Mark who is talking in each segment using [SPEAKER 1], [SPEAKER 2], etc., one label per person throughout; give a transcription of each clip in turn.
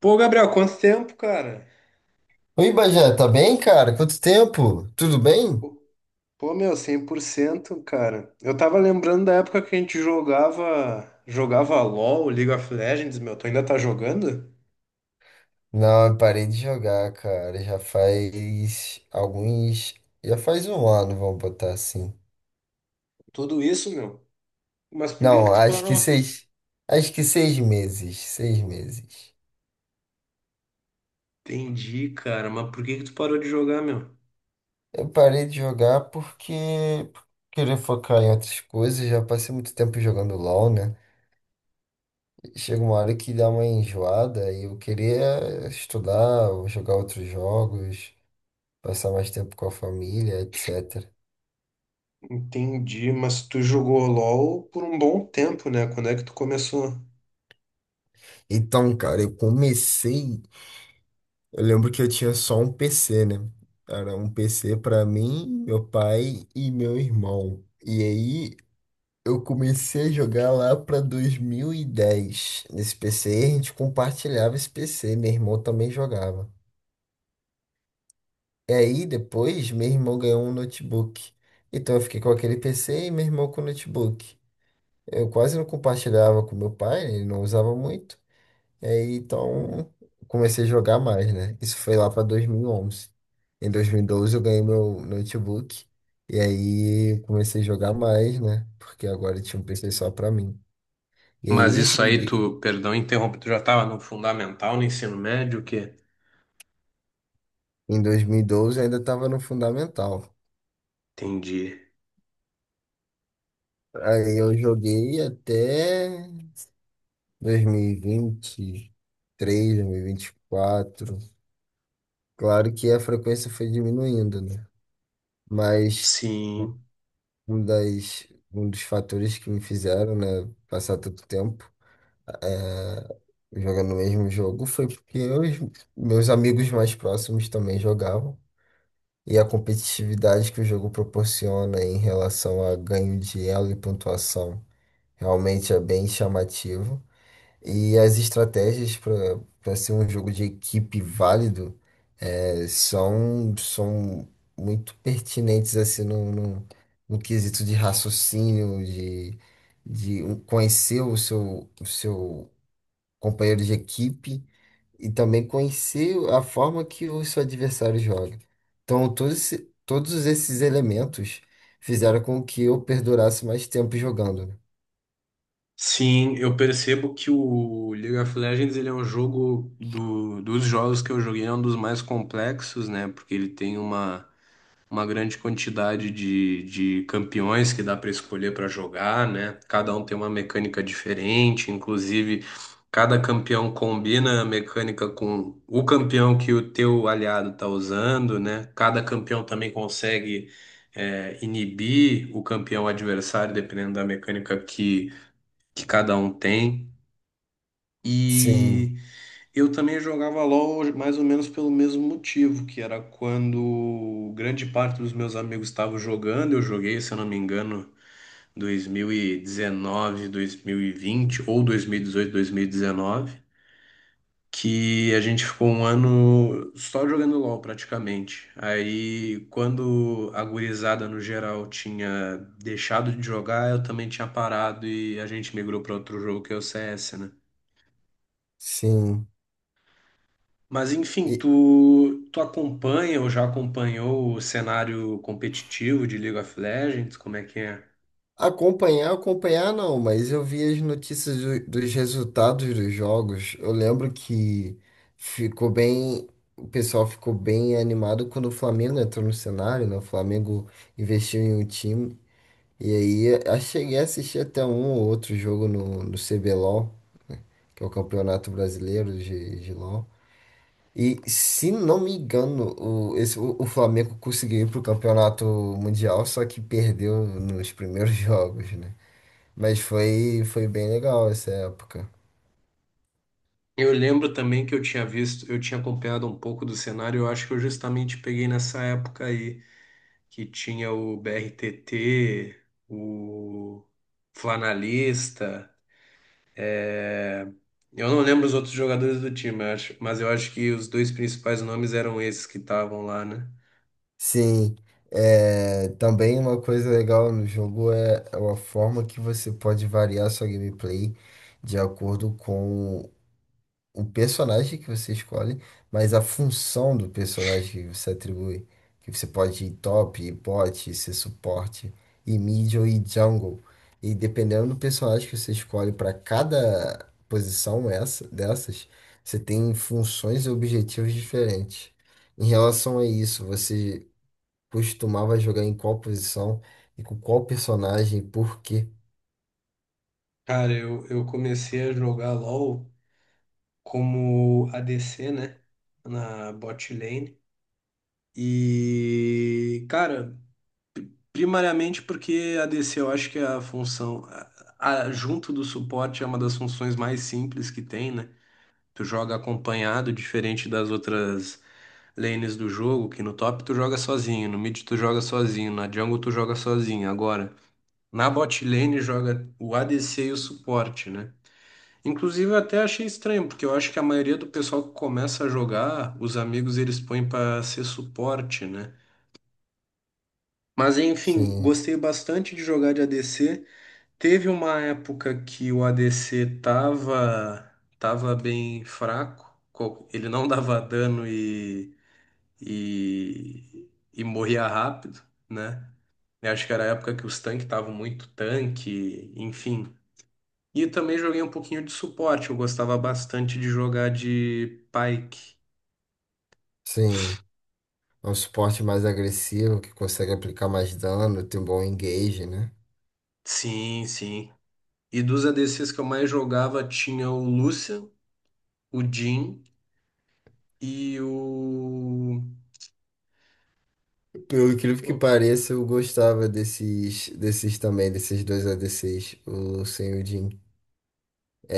[SPEAKER 1] Pô, Gabriel, quanto tempo, cara?
[SPEAKER 2] Oi, Bajé, tá bem, cara? Quanto tempo? Tudo bem?
[SPEAKER 1] Pô, meu, 100%, cara. Eu tava lembrando da época que a gente jogava LoL, League of Legends, meu. Tu ainda tá jogando?
[SPEAKER 2] Não, eu parei de jogar, cara. Já faz alguns. Já faz um ano, vamos botar assim.
[SPEAKER 1] Tudo isso, meu. Mas por que que
[SPEAKER 2] Não,
[SPEAKER 1] tu
[SPEAKER 2] acho que
[SPEAKER 1] parou?
[SPEAKER 2] seis. Acho que seis meses. Seis meses.
[SPEAKER 1] Entendi, cara. Mas por que que tu parou de jogar, meu?
[SPEAKER 2] Eu parei de jogar porque queria focar em outras coisas. Já passei muito tempo jogando LOL, né? Chega uma hora que dá uma enjoada e eu queria estudar ou jogar outros jogos, passar mais tempo com a família, etc.
[SPEAKER 1] Entendi, mas tu jogou LoL por um bom tempo, né? Quando é que tu começou?
[SPEAKER 2] Então, cara, eu comecei. Eu lembro que eu tinha só um PC, né? Era um PC pra mim, meu pai e meu irmão. E aí eu comecei a jogar lá pra 2010. Nesse PC a gente compartilhava esse PC, meu irmão também jogava. E aí depois meu irmão ganhou um notebook. Então eu fiquei com aquele PC e meu irmão com o notebook. Eu quase não compartilhava com meu pai, né? Ele não usava muito. E aí, então, comecei a jogar mais, né? Isso foi lá para 2011. Em 2012 eu ganhei meu notebook e aí comecei a jogar mais, né? Porque agora tinha um PC só para mim. E
[SPEAKER 1] Mas
[SPEAKER 2] aí eu
[SPEAKER 1] isso aí,
[SPEAKER 2] joguei.
[SPEAKER 1] tu, perdão, interrompo, tu já tava no fundamental, no ensino médio, o quê?
[SPEAKER 2] Em 2012 eu ainda estava no fundamental.
[SPEAKER 1] Entendi.
[SPEAKER 2] Aí eu joguei até dois dois mil mil vinte vinte 2024. Claro que a frequência foi diminuindo, né? Mas
[SPEAKER 1] Sim.
[SPEAKER 2] um das, um dos fatores que me fizeram, né, passar tanto tempo é, jogando o mesmo jogo foi porque eu, e os meus amigos mais próximos também jogavam. E a competitividade que o jogo proporciona em relação a ganho de elo e pontuação realmente é bem chamativa. E as estratégias para ser um jogo de equipe válido são muito pertinentes assim no quesito de raciocínio, de conhecer o seu companheiro de equipe e também conhecer a forma que o seu adversário joga. Então, todos esses elementos fizeram com que eu perdurasse mais tempo jogando, né?
[SPEAKER 1] Sim, eu percebo que o League of Legends ele é um jogo dos jogos que eu joguei, é um dos mais complexos, né? Porque ele tem uma grande quantidade de campeões que dá para escolher para jogar, né? Cada um tem uma mecânica diferente, inclusive cada campeão combina a mecânica com o campeão que o teu aliado tá usando, né? Cada campeão também consegue inibir o campeão adversário, dependendo da mecânica que cada um tem.
[SPEAKER 2] Sim,
[SPEAKER 1] E eu também jogava LoL mais ou menos pelo mesmo motivo, que era quando grande parte dos meus amigos estavam jogando, eu joguei, se eu não me engano, dois mil e dezenove, 2020 ou dois mil e dezoito dois mil e 2019, que a gente ficou um ano só jogando LoL praticamente. Aí quando a gurizada no geral tinha deixado de jogar, eu também tinha parado e a gente migrou para outro jogo que é o CS, né?
[SPEAKER 2] sim.
[SPEAKER 1] Mas enfim, tu acompanha ou já acompanhou o cenário competitivo de League of Legends? Como é que é?
[SPEAKER 2] Acompanhar, acompanhar não, mas eu vi as notícias dos resultados dos jogos. Eu lembro que ficou bem, o pessoal ficou bem animado quando o Flamengo entrou no cenário, né? O Flamengo investiu em um time. E aí eu cheguei a assistir até um ou outro jogo no, no C CBLOL, que é o Campeonato Brasileiro de LOL. E se não me engano, o Flamengo conseguiu ir pro Campeonato Mundial, só que perdeu nos primeiros jogos, né? Mas foi bem legal essa época.
[SPEAKER 1] Eu lembro também que eu tinha visto, eu tinha acompanhado um pouco do cenário, eu acho que eu justamente peguei nessa época aí, que tinha o BRTT, o Flanalista. é, Eu não lembro os outros jogadores do time, eu acho, mas eu acho que os dois principais nomes eram esses que estavam lá, né?
[SPEAKER 2] Sim, também uma coisa legal no jogo é a forma que você pode variar sua gameplay de acordo com o personagem que você escolhe, mas a função do personagem que você atribui. Que você pode ir top, ir bot, ser suporte, ir middle e jungle. E dependendo do personagem que você escolhe para cada posição dessas, você tem funções e objetivos diferentes. Em relação a isso, você costumava jogar em qual posição e com qual personagem e por quê?
[SPEAKER 1] Cara, eu comecei a jogar LoL, como ADC, né? Na bot lane. E, cara, primariamente porque ADC eu acho que é a função, junto do suporte, é uma das funções mais simples que tem, né? Tu joga acompanhado, diferente das outras lanes do jogo, que no top tu joga sozinho, no mid tu joga sozinho, na jungle tu joga sozinho. Agora, na bot lane joga o ADC e o suporte, né? Inclusive, eu até achei estranho, porque eu acho que a maioria do pessoal que começa a jogar, os amigos eles põem para ser suporte, né? Mas enfim,
[SPEAKER 2] Sim,
[SPEAKER 1] gostei bastante de jogar de ADC. Teve uma época que o ADC tava bem fraco, ele não dava dano e morria rápido, né? Eu acho que era a época que os tanques estavam muito tanque, enfim. E também joguei um pouquinho de suporte. Eu gostava bastante de jogar de Pyke.
[SPEAKER 2] sim. É um suporte mais agressivo, que consegue aplicar mais dano, tem um bom engage, né?
[SPEAKER 1] Sim, sim. E dos ADCs que eu mais jogava tinha o Lucian, o Jhin e o.
[SPEAKER 2] Pelo incrível que
[SPEAKER 1] o-
[SPEAKER 2] pareça, eu gostava desses também, desses dois a ADCs, o sem o Jhin.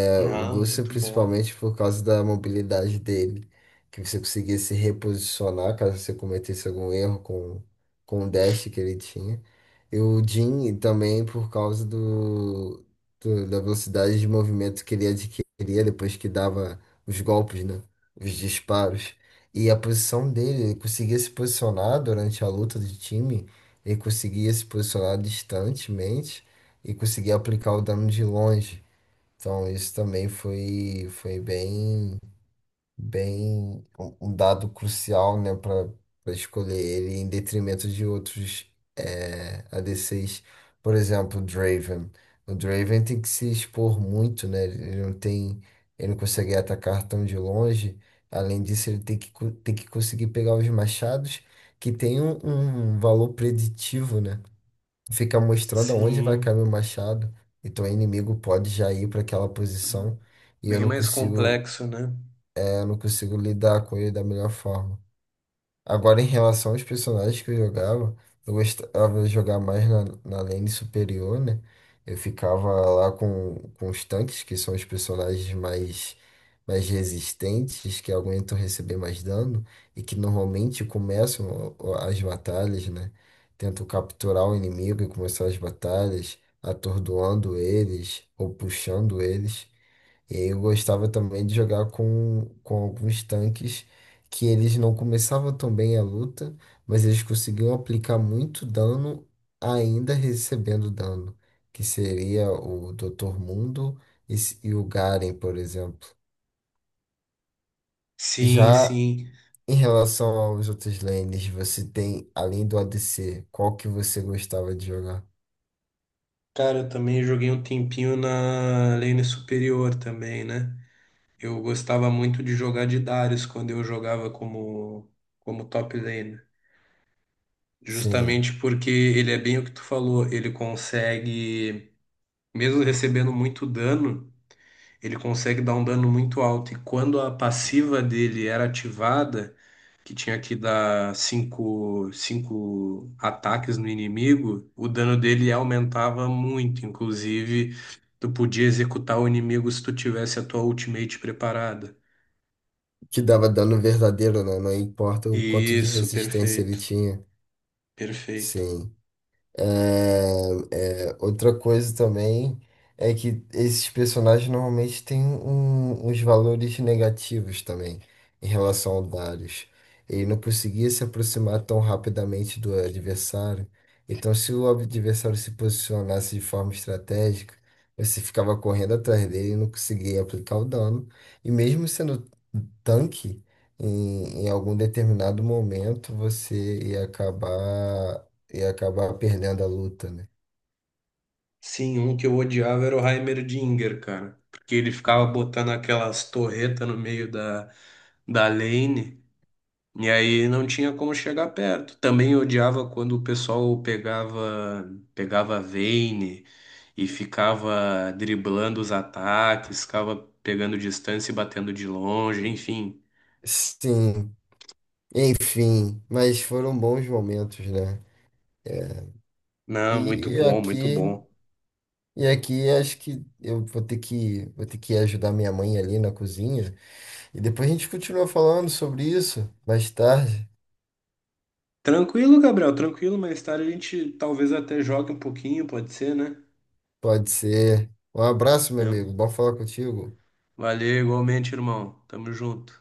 [SPEAKER 2] O
[SPEAKER 1] Ah,
[SPEAKER 2] Lúcio,
[SPEAKER 1] muito bom.
[SPEAKER 2] principalmente por causa da mobilidade dele, que você conseguia se reposicionar caso você cometesse algum erro com o dash que ele tinha. E o Jhin também por causa da velocidade de movimento que ele adquiria depois que dava os golpes, né? Os disparos. E a posição dele, ele conseguia se posicionar durante a luta de time, ele conseguia se posicionar distantemente e conseguia aplicar o dano de longe. Então, isso também foi bem um dado crucial, né, para escolher ele em detrimento de outros ADCs. Por exemplo, o Draven. O Draven tem que se expor muito, né? Ele não consegue atacar tão de longe. Além disso, ele tem que conseguir pegar os machados, que tem um valor preditivo, né? Fica mostrando aonde vai cair
[SPEAKER 1] Sim.
[SPEAKER 2] meu machado. Então o inimigo pode já ir para aquela posição e eu
[SPEAKER 1] Bem
[SPEAKER 2] não
[SPEAKER 1] mais
[SPEAKER 2] consigo,
[SPEAKER 1] complexo, né?
[SPEAKER 2] é, eu não consigo lidar com ele da melhor forma. Agora, em relação aos personagens que eu jogava, eu gostava de jogar mais na lane superior, né? Eu ficava lá com os tanques, que são os personagens mais resistentes, que aguentam receber mais dano e que normalmente começam as batalhas, né? Tento capturar o inimigo e começar as batalhas, atordoando eles ou puxando eles. E aí eu gostava também de jogar com alguns tanques que eles não começavam tão bem a luta, mas eles conseguiam aplicar muito dano ainda recebendo dano, que seria o Dr. Mundo e o Garen, por exemplo.
[SPEAKER 1] Sim,
[SPEAKER 2] Já
[SPEAKER 1] sim.
[SPEAKER 2] em relação aos outros lanes, você tem, além do ADC, qual que você gostava de jogar?
[SPEAKER 1] Cara, eu também joguei um tempinho na lane superior também, né? Eu gostava muito de jogar de Darius quando eu jogava como top lane.
[SPEAKER 2] Sim,
[SPEAKER 1] Justamente porque ele é bem o que tu falou, ele consegue, mesmo recebendo muito dano, ele consegue dar um dano muito alto. E quando a passiva dele era ativada, que tinha que dar cinco ataques no inimigo, o dano dele aumentava muito. Inclusive, tu podia executar o inimigo se tu tivesse a tua ultimate preparada.
[SPEAKER 2] que dava dano verdadeiro, né? Não importa o quanto de
[SPEAKER 1] Isso,
[SPEAKER 2] resistência ele
[SPEAKER 1] perfeito,
[SPEAKER 2] tinha.
[SPEAKER 1] perfeito.
[SPEAKER 2] Sim. Outra coisa também é que esses personagens normalmente têm uns valores negativos também em relação ao Darius. Ele não conseguia se aproximar tão rapidamente do adversário. Então, se o adversário se posicionasse de forma estratégica, você ficava correndo atrás dele e não conseguia aplicar o dano. E mesmo sendo tanque, em algum determinado momento você ia acabar e acabar perdendo a luta, né?
[SPEAKER 1] Sim, um que eu odiava era o Heimerdinger, cara. Porque ele ficava botando aquelas torretas no meio da lane. E aí não tinha como chegar perto. Também eu odiava quando o pessoal pegava a Vayne e ficava driblando os ataques, ficava pegando distância e batendo de longe, enfim.
[SPEAKER 2] Sim, enfim, mas foram bons momentos, né? É,
[SPEAKER 1] Não, muito
[SPEAKER 2] E
[SPEAKER 1] bom, muito
[SPEAKER 2] aqui,
[SPEAKER 1] bom.
[SPEAKER 2] e aqui acho que eu vou ter que ajudar minha mãe ali na cozinha. E depois a gente continua falando sobre isso mais tarde.
[SPEAKER 1] Tranquilo, Gabriel, tranquilo. Mais tarde a gente talvez até jogue um pouquinho, pode ser, né?
[SPEAKER 2] Pode ser. Um abraço,
[SPEAKER 1] É,
[SPEAKER 2] meu amigo. Bom falar contigo.
[SPEAKER 1] valeu, igualmente, irmão. Tamo junto.